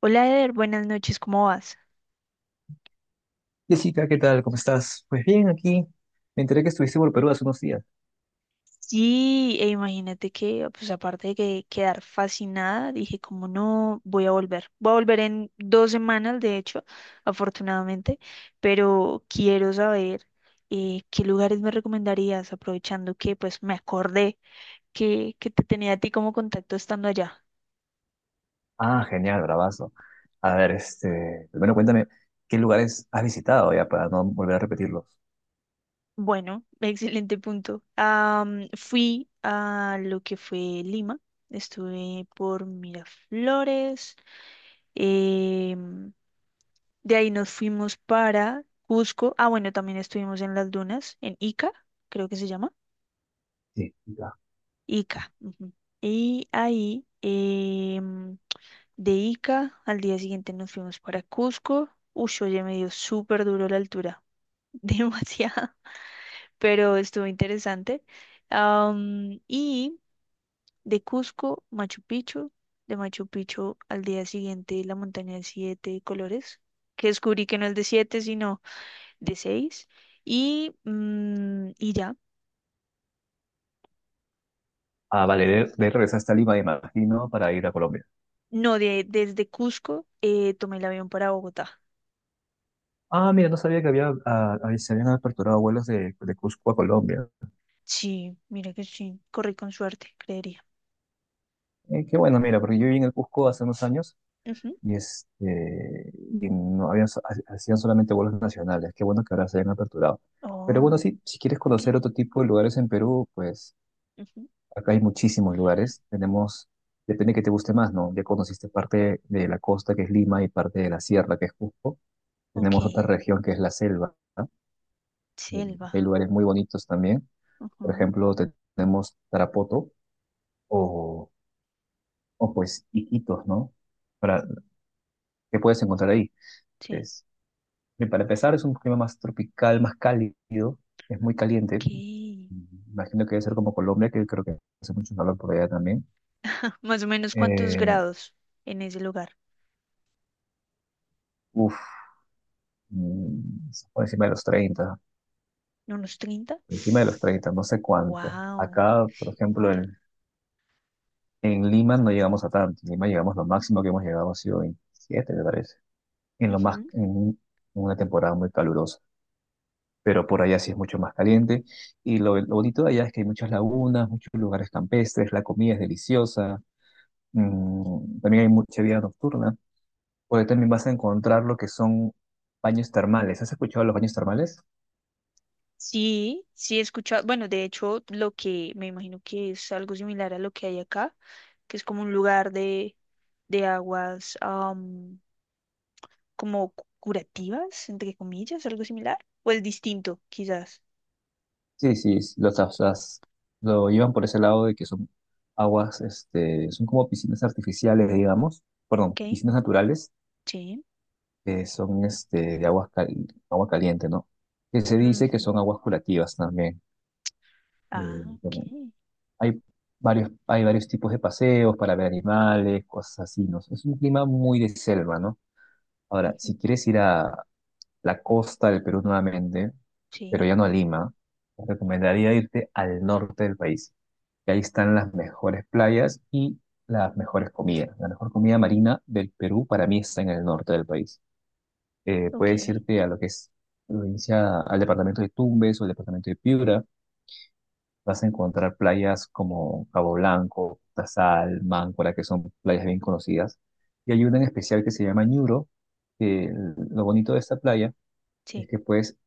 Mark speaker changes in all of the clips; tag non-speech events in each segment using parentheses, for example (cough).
Speaker 1: Hola Eder, buenas noches, ¿cómo vas?
Speaker 2: Jessica, ¿qué tal? ¿Cómo estás? Pues bien, aquí me enteré que estuviste por Perú hace unos días.
Speaker 1: Sí, e imagínate que, pues aparte de que quedar fascinada, dije, como no, voy a volver. Voy a volver en 2 semanas, de hecho, afortunadamente, pero quiero saber qué lugares me recomendarías, aprovechando que pues me acordé que te tenía a ti como contacto estando allá.
Speaker 2: Ah, genial, bravazo. A ver, este, primero cuéntame, ¿qué lugares has visitado ya para no volver a repetirlos?
Speaker 1: Bueno, excelente punto. Fui a lo que fue Lima, estuve por Miraflores, em, de ahí nos fuimos para Cusco. Ah, bueno, también estuvimos en las dunas, en Ica, creo que se llama.
Speaker 2: Sí, ya.
Speaker 1: Ica. Ujú. Y ahí, de Ica, al día siguiente nos fuimos para Cusco. Uy, oye, me dio súper duro la altura, (laughs) demasiado, pero estuvo interesante. Y de Cusco, Machu Picchu. De Machu Picchu al día siguiente, la montaña de siete colores, que descubrí que no es de siete, sino de seis. Y ya,
Speaker 2: Ah, vale, de ahí regresaste a Lima, me imagino, para ir a Colombia.
Speaker 1: no, desde Cusco tomé el avión para Bogotá.
Speaker 2: Ah, mira, no sabía que había, se habían aperturado vuelos de Cusco a Colombia.
Speaker 1: Sí, mira que sí, corrí con suerte, creería.
Speaker 2: Qué bueno, mira, porque yo viví en el Cusco hace unos años
Speaker 1: Ujú.
Speaker 2: y, este, y no habían, hacían solamente vuelos nacionales. Qué bueno que ahora se hayan aperturado. Pero
Speaker 1: Oh,
Speaker 2: bueno, sí, si quieres
Speaker 1: ok.
Speaker 2: conocer otro tipo de lugares en Perú, pues
Speaker 1: Ujú,
Speaker 2: acá hay muchísimos lugares. Tenemos, depende que te guste más, ¿no? Ya conociste parte de la costa, que es Lima, y parte de la sierra, que es Cusco.
Speaker 1: ok,
Speaker 2: Tenemos otra región, que es la selva, ¿no? Eh,
Speaker 1: selva.
Speaker 2: Hay lugares muy bonitos también. Por
Speaker 1: Ujú,
Speaker 2: ejemplo, tenemos Tarapoto o, pues Iquitos, ¿no? Para, ¿qué puedes encontrar ahí?
Speaker 1: sí,
Speaker 2: Pues, bien, para empezar, es un clima más tropical, más cálido, es muy caliente.
Speaker 1: ok.
Speaker 2: Imagino que debe ser como Colombia, que creo que hace mucho calor por allá también.
Speaker 1: Más o menos cuántos
Speaker 2: Eh,
Speaker 1: grados en ese lugar.
Speaker 2: uf, por encima de los 30,
Speaker 1: ¿Unos 30?
Speaker 2: por encima de los 30, no sé cuánto.
Speaker 1: Wow.
Speaker 2: Acá, por ejemplo, en Lima no llegamos a tanto. En Lima llegamos, lo máximo que hemos llegado ha sido 27, me parece, en, lo más,
Speaker 1: Ujú.
Speaker 2: en una temporada muy calurosa. Pero por allá sí es mucho más caliente. Y lo bonito de allá es que hay muchas lagunas, muchos lugares campestres, la comida es deliciosa. También hay mucha vida nocturna, porque también vas a encontrar lo que son baños termales. ¿Has escuchado de los baños termales?
Speaker 1: Sí, sí he escuchado. Bueno, de hecho, lo que me imagino que es algo similar a lo que hay acá, que es como un lugar de aguas, como curativas, entre comillas, algo similar. O es distinto, quizás.
Speaker 2: Sí, sí, lo llevan por ese lado de que son aguas, este, son como piscinas artificiales, digamos, perdón,
Speaker 1: Ok,
Speaker 2: piscinas naturales,
Speaker 1: sí.
Speaker 2: que son este, de aguas agua caliente, ¿no? Que se dice que
Speaker 1: Ujú.
Speaker 2: son aguas curativas también.
Speaker 1: Ah,
Speaker 2: Bueno,
Speaker 1: ok.
Speaker 2: hay varios tipos de paseos para ver animales, cosas así, ¿no? Es un clima muy de selva, ¿no? Ahora,
Speaker 1: Ujú.
Speaker 2: si quieres ir a la costa del Perú nuevamente, pero
Speaker 1: Sí,
Speaker 2: ya no a Lima, te recomendaría irte al norte del país, que ahí están las mejores playas y las mejores comidas. La mejor comida marina del Perú para mí está en el norte del país. Puedes
Speaker 1: ok,
Speaker 2: irte a lo que es provincia, al departamento de Tumbes o el departamento de Piura. Vas a encontrar playas como Cabo Blanco, Tazal, Máncora, que son playas bien conocidas. Y hay una en especial que se llama Ñuro, que lo bonito de esta playa es
Speaker 1: sí.
Speaker 2: que puedes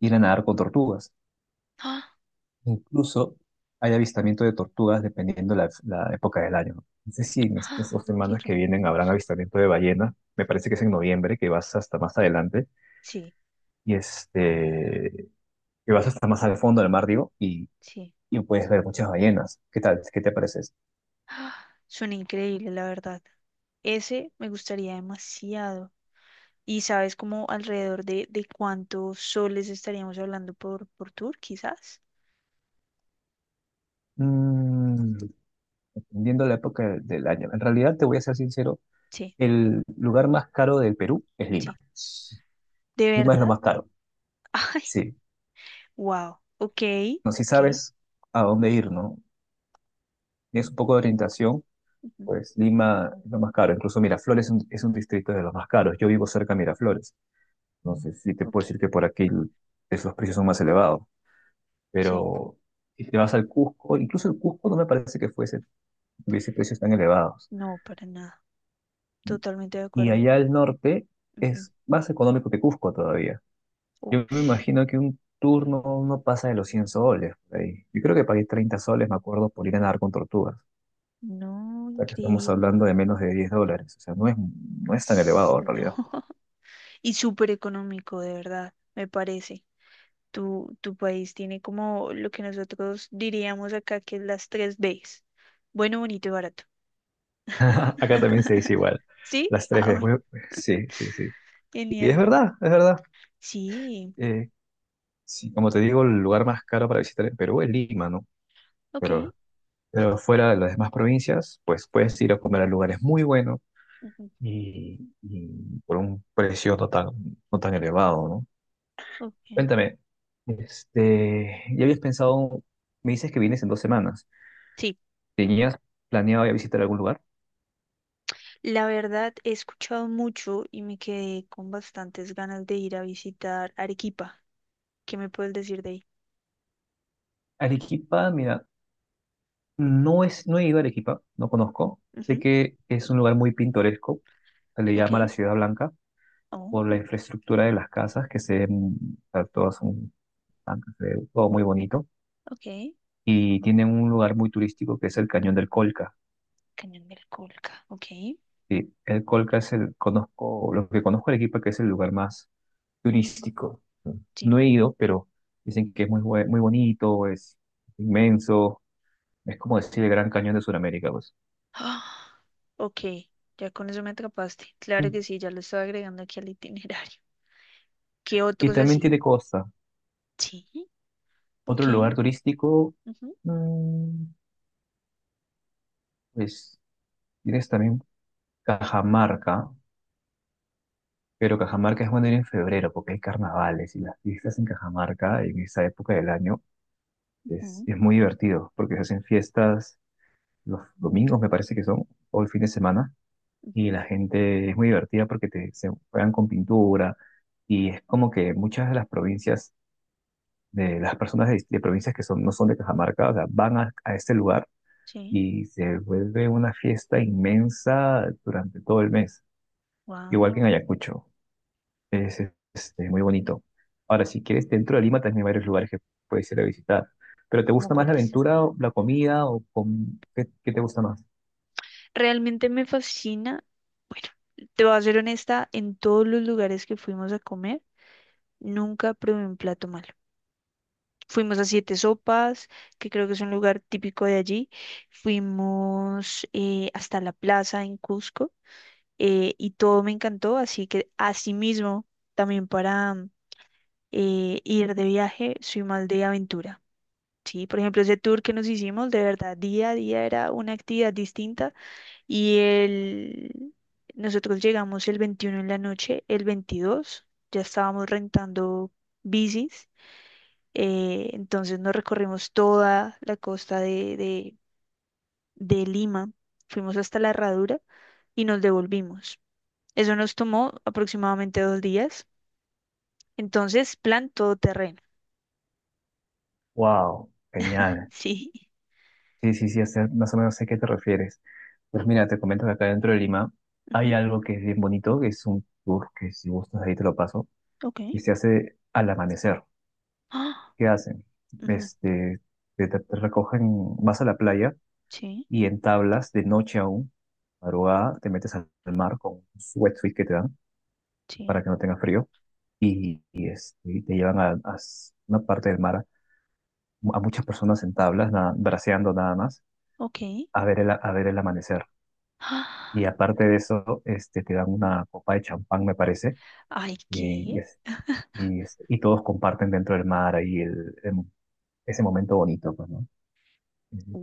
Speaker 2: ir a nadar con tortugas.
Speaker 1: (gasps) ¡Ah!
Speaker 2: Incluso hay avistamiento de tortugas dependiendo la época del año. No sé si en estas
Speaker 1: ¡Ah!
Speaker 2: dos
Speaker 1: Qué
Speaker 2: semanas que vienen habrán
Speaker 1: hermoso.
Speaker 2: avistamiento de ballena. Me parece que es en noviembre, que vas hasta más adelante
Speaker 1: Sí,
Speaker 2: y este, que vas hasta más al fondo del mar, digo,
Speaker 1: sí.
Speaker 2: y puedes ver muchas ballenas. ¿Qué tal? ¿Qué te parece eso?
Speaker 1: (gasps) Suena increíble, la verdad. Ese me gustaría demasiado. ¿Y sabes como alrededor de cuántos soles estaríamos hablando por tour, quizás?
Speaker 2: Mm, Dependiendo la época del año. En realidad, te voy a ser sincero,
Speaker 1: Sí,
Speaker 2: el lugar más caro del Perú es
Speaker 1: sí.
Speaker 2: Lima.
Speaker 1: ¿De
Speaker 2: Lima es lo
Speaker 1: verdad?
Speaker 2: más caro.
Speaker 1: (laughs) Ay,
Speaker 2: Sí.
Speaker 1: wow. Ok,
Speaker 2: No sé si
Speaker 1: ok,
Speaker 2: sabes a dónde ir, ¿no? Tienes un poco de orientación,
Speaker 1: ujú,
Speaker 2: pues Lima es lo más caro. Incluso Miraflores es un distrito de los más caros. Yo vivo cerca de Miraflores. Entonces, sí te puedo
Speaker 1: ok.
Speaker 2: decir que por aquí los precios son más elevados.
Speaker 1: Sí,
Speaker 2: Pero si te vas al Cusco, incluso el Cusco no me parece que fuese, tuviese precios tan elevados.
Speaker 1: no, para nada. Totalmente de
Speaker 2: Y
Speaker 1: acuerdo.
Speaker 2: allá al norte
Speaker 1: Ujú.
Speaker 2: es más económico que Cusco todavía. Yo me
Speaker 1: Ush,
Speaker 2: imagino que un turno no pasa de los 100 soles por ahí. Yo creo que pagué 30 soles, me acuerdo, por ir a nadar con tortugas.
Speaker 1: no,
Speaker 2: Sea, que estamos
Speaker 1: increíble.
Speaker 2: hablando de menos de 10 dólares. O sea, no es, no es tan
Speaker 1: S-
Speaker 2: elevado en
Speaker 1: No.
Speaker 2: realidad.
Speaker 1: (laughs) Y súper económico, de verdad, me parece. Tu país tiene como lo que nosotros diríamos acá que es las tres Bs. Bueno, bonito y barato.
Speaker 2: (laughs) Acá también se dice
Speaker 1: (laughs)
Speaker 2: igual.
Speaker 1: ¿Sí?
Speaker 2: Las tres
Speaker 1: Ah,
Speaker 2: veces,
Speaker 1: bueno.
Speaker 2: güey. Sí, sí, sí. Y es
Speaker 1: Genial.
Speaker 2: verdad, es verdad.
Speaker 1: Sí.
Speaker 2: Eh, sí, como te digo, el lugar más caro para visitar en Perú es Lima, ¿no? Pero,
Speaker 1: Ok.
Speaker 2: fuera de las demás provincias, pues puedes ir a comer a lugares muy buenos
Speaker 1: Ujú,
Speaker 2: y por un precio no tan, no tan elevado, ¿no?
Speaker 1: ok.
Speaker 2: Cuéntame, este, ya habías pensado, me dices que vienes en 2 semanas.
Speaker 1: Sí.
Speaker 2: ¿Tenías planeado ya visitar algún lugar?
Speaker 1: La verdad, he escuchado mucho y me quedé con bastantes ganas de ir a visitar Arequipa. ¿Qué me puedes decir de ahí?
Speaker 2: Arequipa, mira, no he ido a Arequipa, no conozco. Sé
Speaker 1: Ujú,
Speaker 2: que es un lugar muy pintoresco, se le
Speaker 1: ok.
Speaker 2: llama la Ciudad Blanca, por la
Speaker 1: Oh,
Speaker 2: infraestructura de las casas, que se ven, o sea, todas son blancas, se ve todo muy bonito.
Speaker 1: ok.
Speaker 2: Y tienen un lugar muy turístico que es el Cañón del Colca.
Speaker 1: Cañón del Colca. Ok.
Speaker 2: Sí, el Colca es el, conozco, lo que conozco de Arequipa, que es el lugar más turístico.
Speaker 1: Sí.
Speaker 2: No he ido, pero dicen que es muy bonito, es inmenso, es como decir el Gran Cañón de Sudamérica, pues.
Speaker 1: (gasps) Ah, ok, ya con eso me atrapaste. Claro que sí, ya lo estaba agregando aquí al itinerario. (laughs) ¿Qué
Speaker 2: Y
Speaker 1: otros
Speaker 2: también
Speaker 1: así?
Speaker 2: tiene costa.
Speaker 1: Sí,
Speaker 2: Otro
Speaker 1: ok.
Speaker 2: lugar turístico,
Speaker 1: Ujú,
Speaker 2: mm, pues tienes también Cajamarca, pero Cajamarca es bueno ir en febrero porque hay carnavales y las fiestas en Cajamarca en esa época del año es,
Speaker 1: ujú,
Speaker 2: es muy divertido porque se hacen fiestas los domingos, me parece que son, o el fin de semana, y
Speaker 1: ujú,
Speaker 2: la gente es muy divertida porque te, se juegan con pintura y es como que muchas de las provincias, de las personas de provincias que son, no son de Cajamarca, o sea, van a este lugar
Speaker 1: sí,
Speaker 2: y se vuelve una fiesta inmensa durante todo el mes, igual que
Speaker 1: wow.
Speaker 2: en Ayacucho. Es este, muy bonito. Ahora, si quieres, dentro de Lima también hay varios lugares que puedes ir a visitar. ¿Pero te
Speaker 1: ¿Cómo
Speaker 2: gusta más la
Speaker 1: cuáles?
Speaker 2: aventura, o la comida o com- ¿Qué, qué te gusta más?
Speaker 1: Realmente me fascina. Bueno, te voy a ser honesta, en todos los lugares que fuimos a comer, nunca probé un plato malo. Fuimos a Siete Sopas, que creo que es un lugar típico de allí. Fuimos hasta la plaza en Cusco y todo me encantó, así que asimismo, también para ir de viaje, soy más de aventura. Sí, por ejemplo, ese tour que nos hicimos, de verdad, día a día era una actividad distinta y el... nosotros llegamos el 21 en la noche, el 22 ya estábamos rentando bicis, entonces nos recorrimos toda la costa de Lima, fuimos hasta la Herradura y nos devolvimos. Eso nos tomó aproximadamente 2 días. Entonces, plan todoterreno.
Speaker 2: Wow,
Speaker 1: (laughs)
Speaker 2: genial.
Speaker 1: Sí.
Speaker 2: Sí, sí, sí, más o menos sé a qué te refieres. Pues mira, te comento que acá dentro de Lima
Speaker 1: Ujú,
Speaker 2: hay algo que es bien bonito, que es un tour que si gustas ahí te lo paso,
Speaker 1: ok.
Speaker 2: y se hace al amanecer.
Speaker 1: Ah,
Speaker 2: ¿Qué hacen?
Speaker 1: ujú,
Speaker 2: Este, te recogen, vas a la playa
Speaker 1: sí,
Speaker 2: y en tablas, de noche aún, madrugada, te metes al mar con un wetsuit que te dan
Speaker 1: sí,
Speaker 2: para que no tengas frío y, este, y te llevan a una parte del mar, a muchas personas en tablas, braceando nada más,
Speaker 1: ok.
Speaker 2: a ver el amanecer. Y
Speaker 1: Ah,
Speaker 2: aparte de eso, este, te dan una copa de champán, me parece,
Speaker 1: ay,
Speaker 2: y, y,
Speaker 1: qué.
Speaker 2: es- y, este, y todos comparten dentro del mar ahí ese momento bonito, pues, ¿no?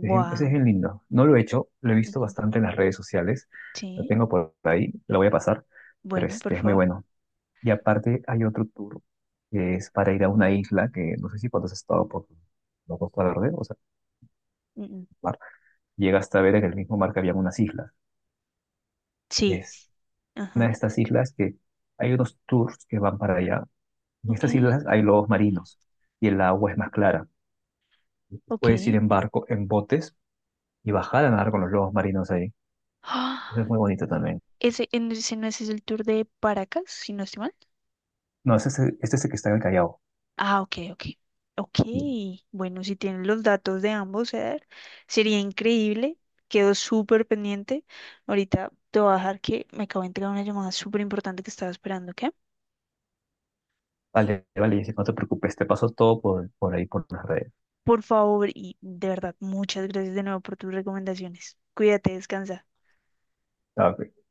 Speaker 2: Ese es bien lindo. No lo he hecho, lo he visto
Speaker 1: Ujú,
Speaker 2: bastante en las redes sociales. Lo
Speaker 1: sí,
Speaker 2: tengo por ahí, lo voy a pasar, pero
Speaker 1: bueno, por
Speaker 2: este es muy
Speaker 1: favor.
Speaker 2: bueno. Y aparte hay otro tour que es para ir a una isla que no sé si cuando has estado por la Costa Verde, o sea,
Speaker 1: Mm, mm.
Speaker 2: mar, llegas hasta ver en el mismo mar que había unas islas.
Speaker 1: Sí.
Speaker 2: Es una
Speaker 1: Ajá,
Speaker 2: de estas islas que hay unos tours que van para allá. En
Speaker 1: ok,
Speaker 2: estas islas hay lobos marinos y el agua es más clara.
Speaker 1: ok.
Speaker 2: Puedes ir en barco, en botes y bajar a nadar con los lobos marinos ahí. Eso es
Speaker 1: Ah,
Speaker 2: muy bonito también.
Speaker 1: Ese no es el tour de Paracas, si no estoy mal.
Speaker 2: No, este es el que está en el Callao.
Speaker 1: Ah, ok, ok. Ok, bueno, si tienen los datos de ambos, Eder, sería increíble. Quedo súper pendiente. Ahorita te voy a dejar que me acabo de entregar una llamada súper importante que estaba esperando, ¿ok?
Speaker 2: Vale, vale, dice, no te preocupes, te paso todo por ahí, por las redes.
Speaker 1: Por favor, y de verdad, muchas gracias de nuevo por tus recomendaciones. Cuídate, descansa.
Speaker 2: Ah, ok.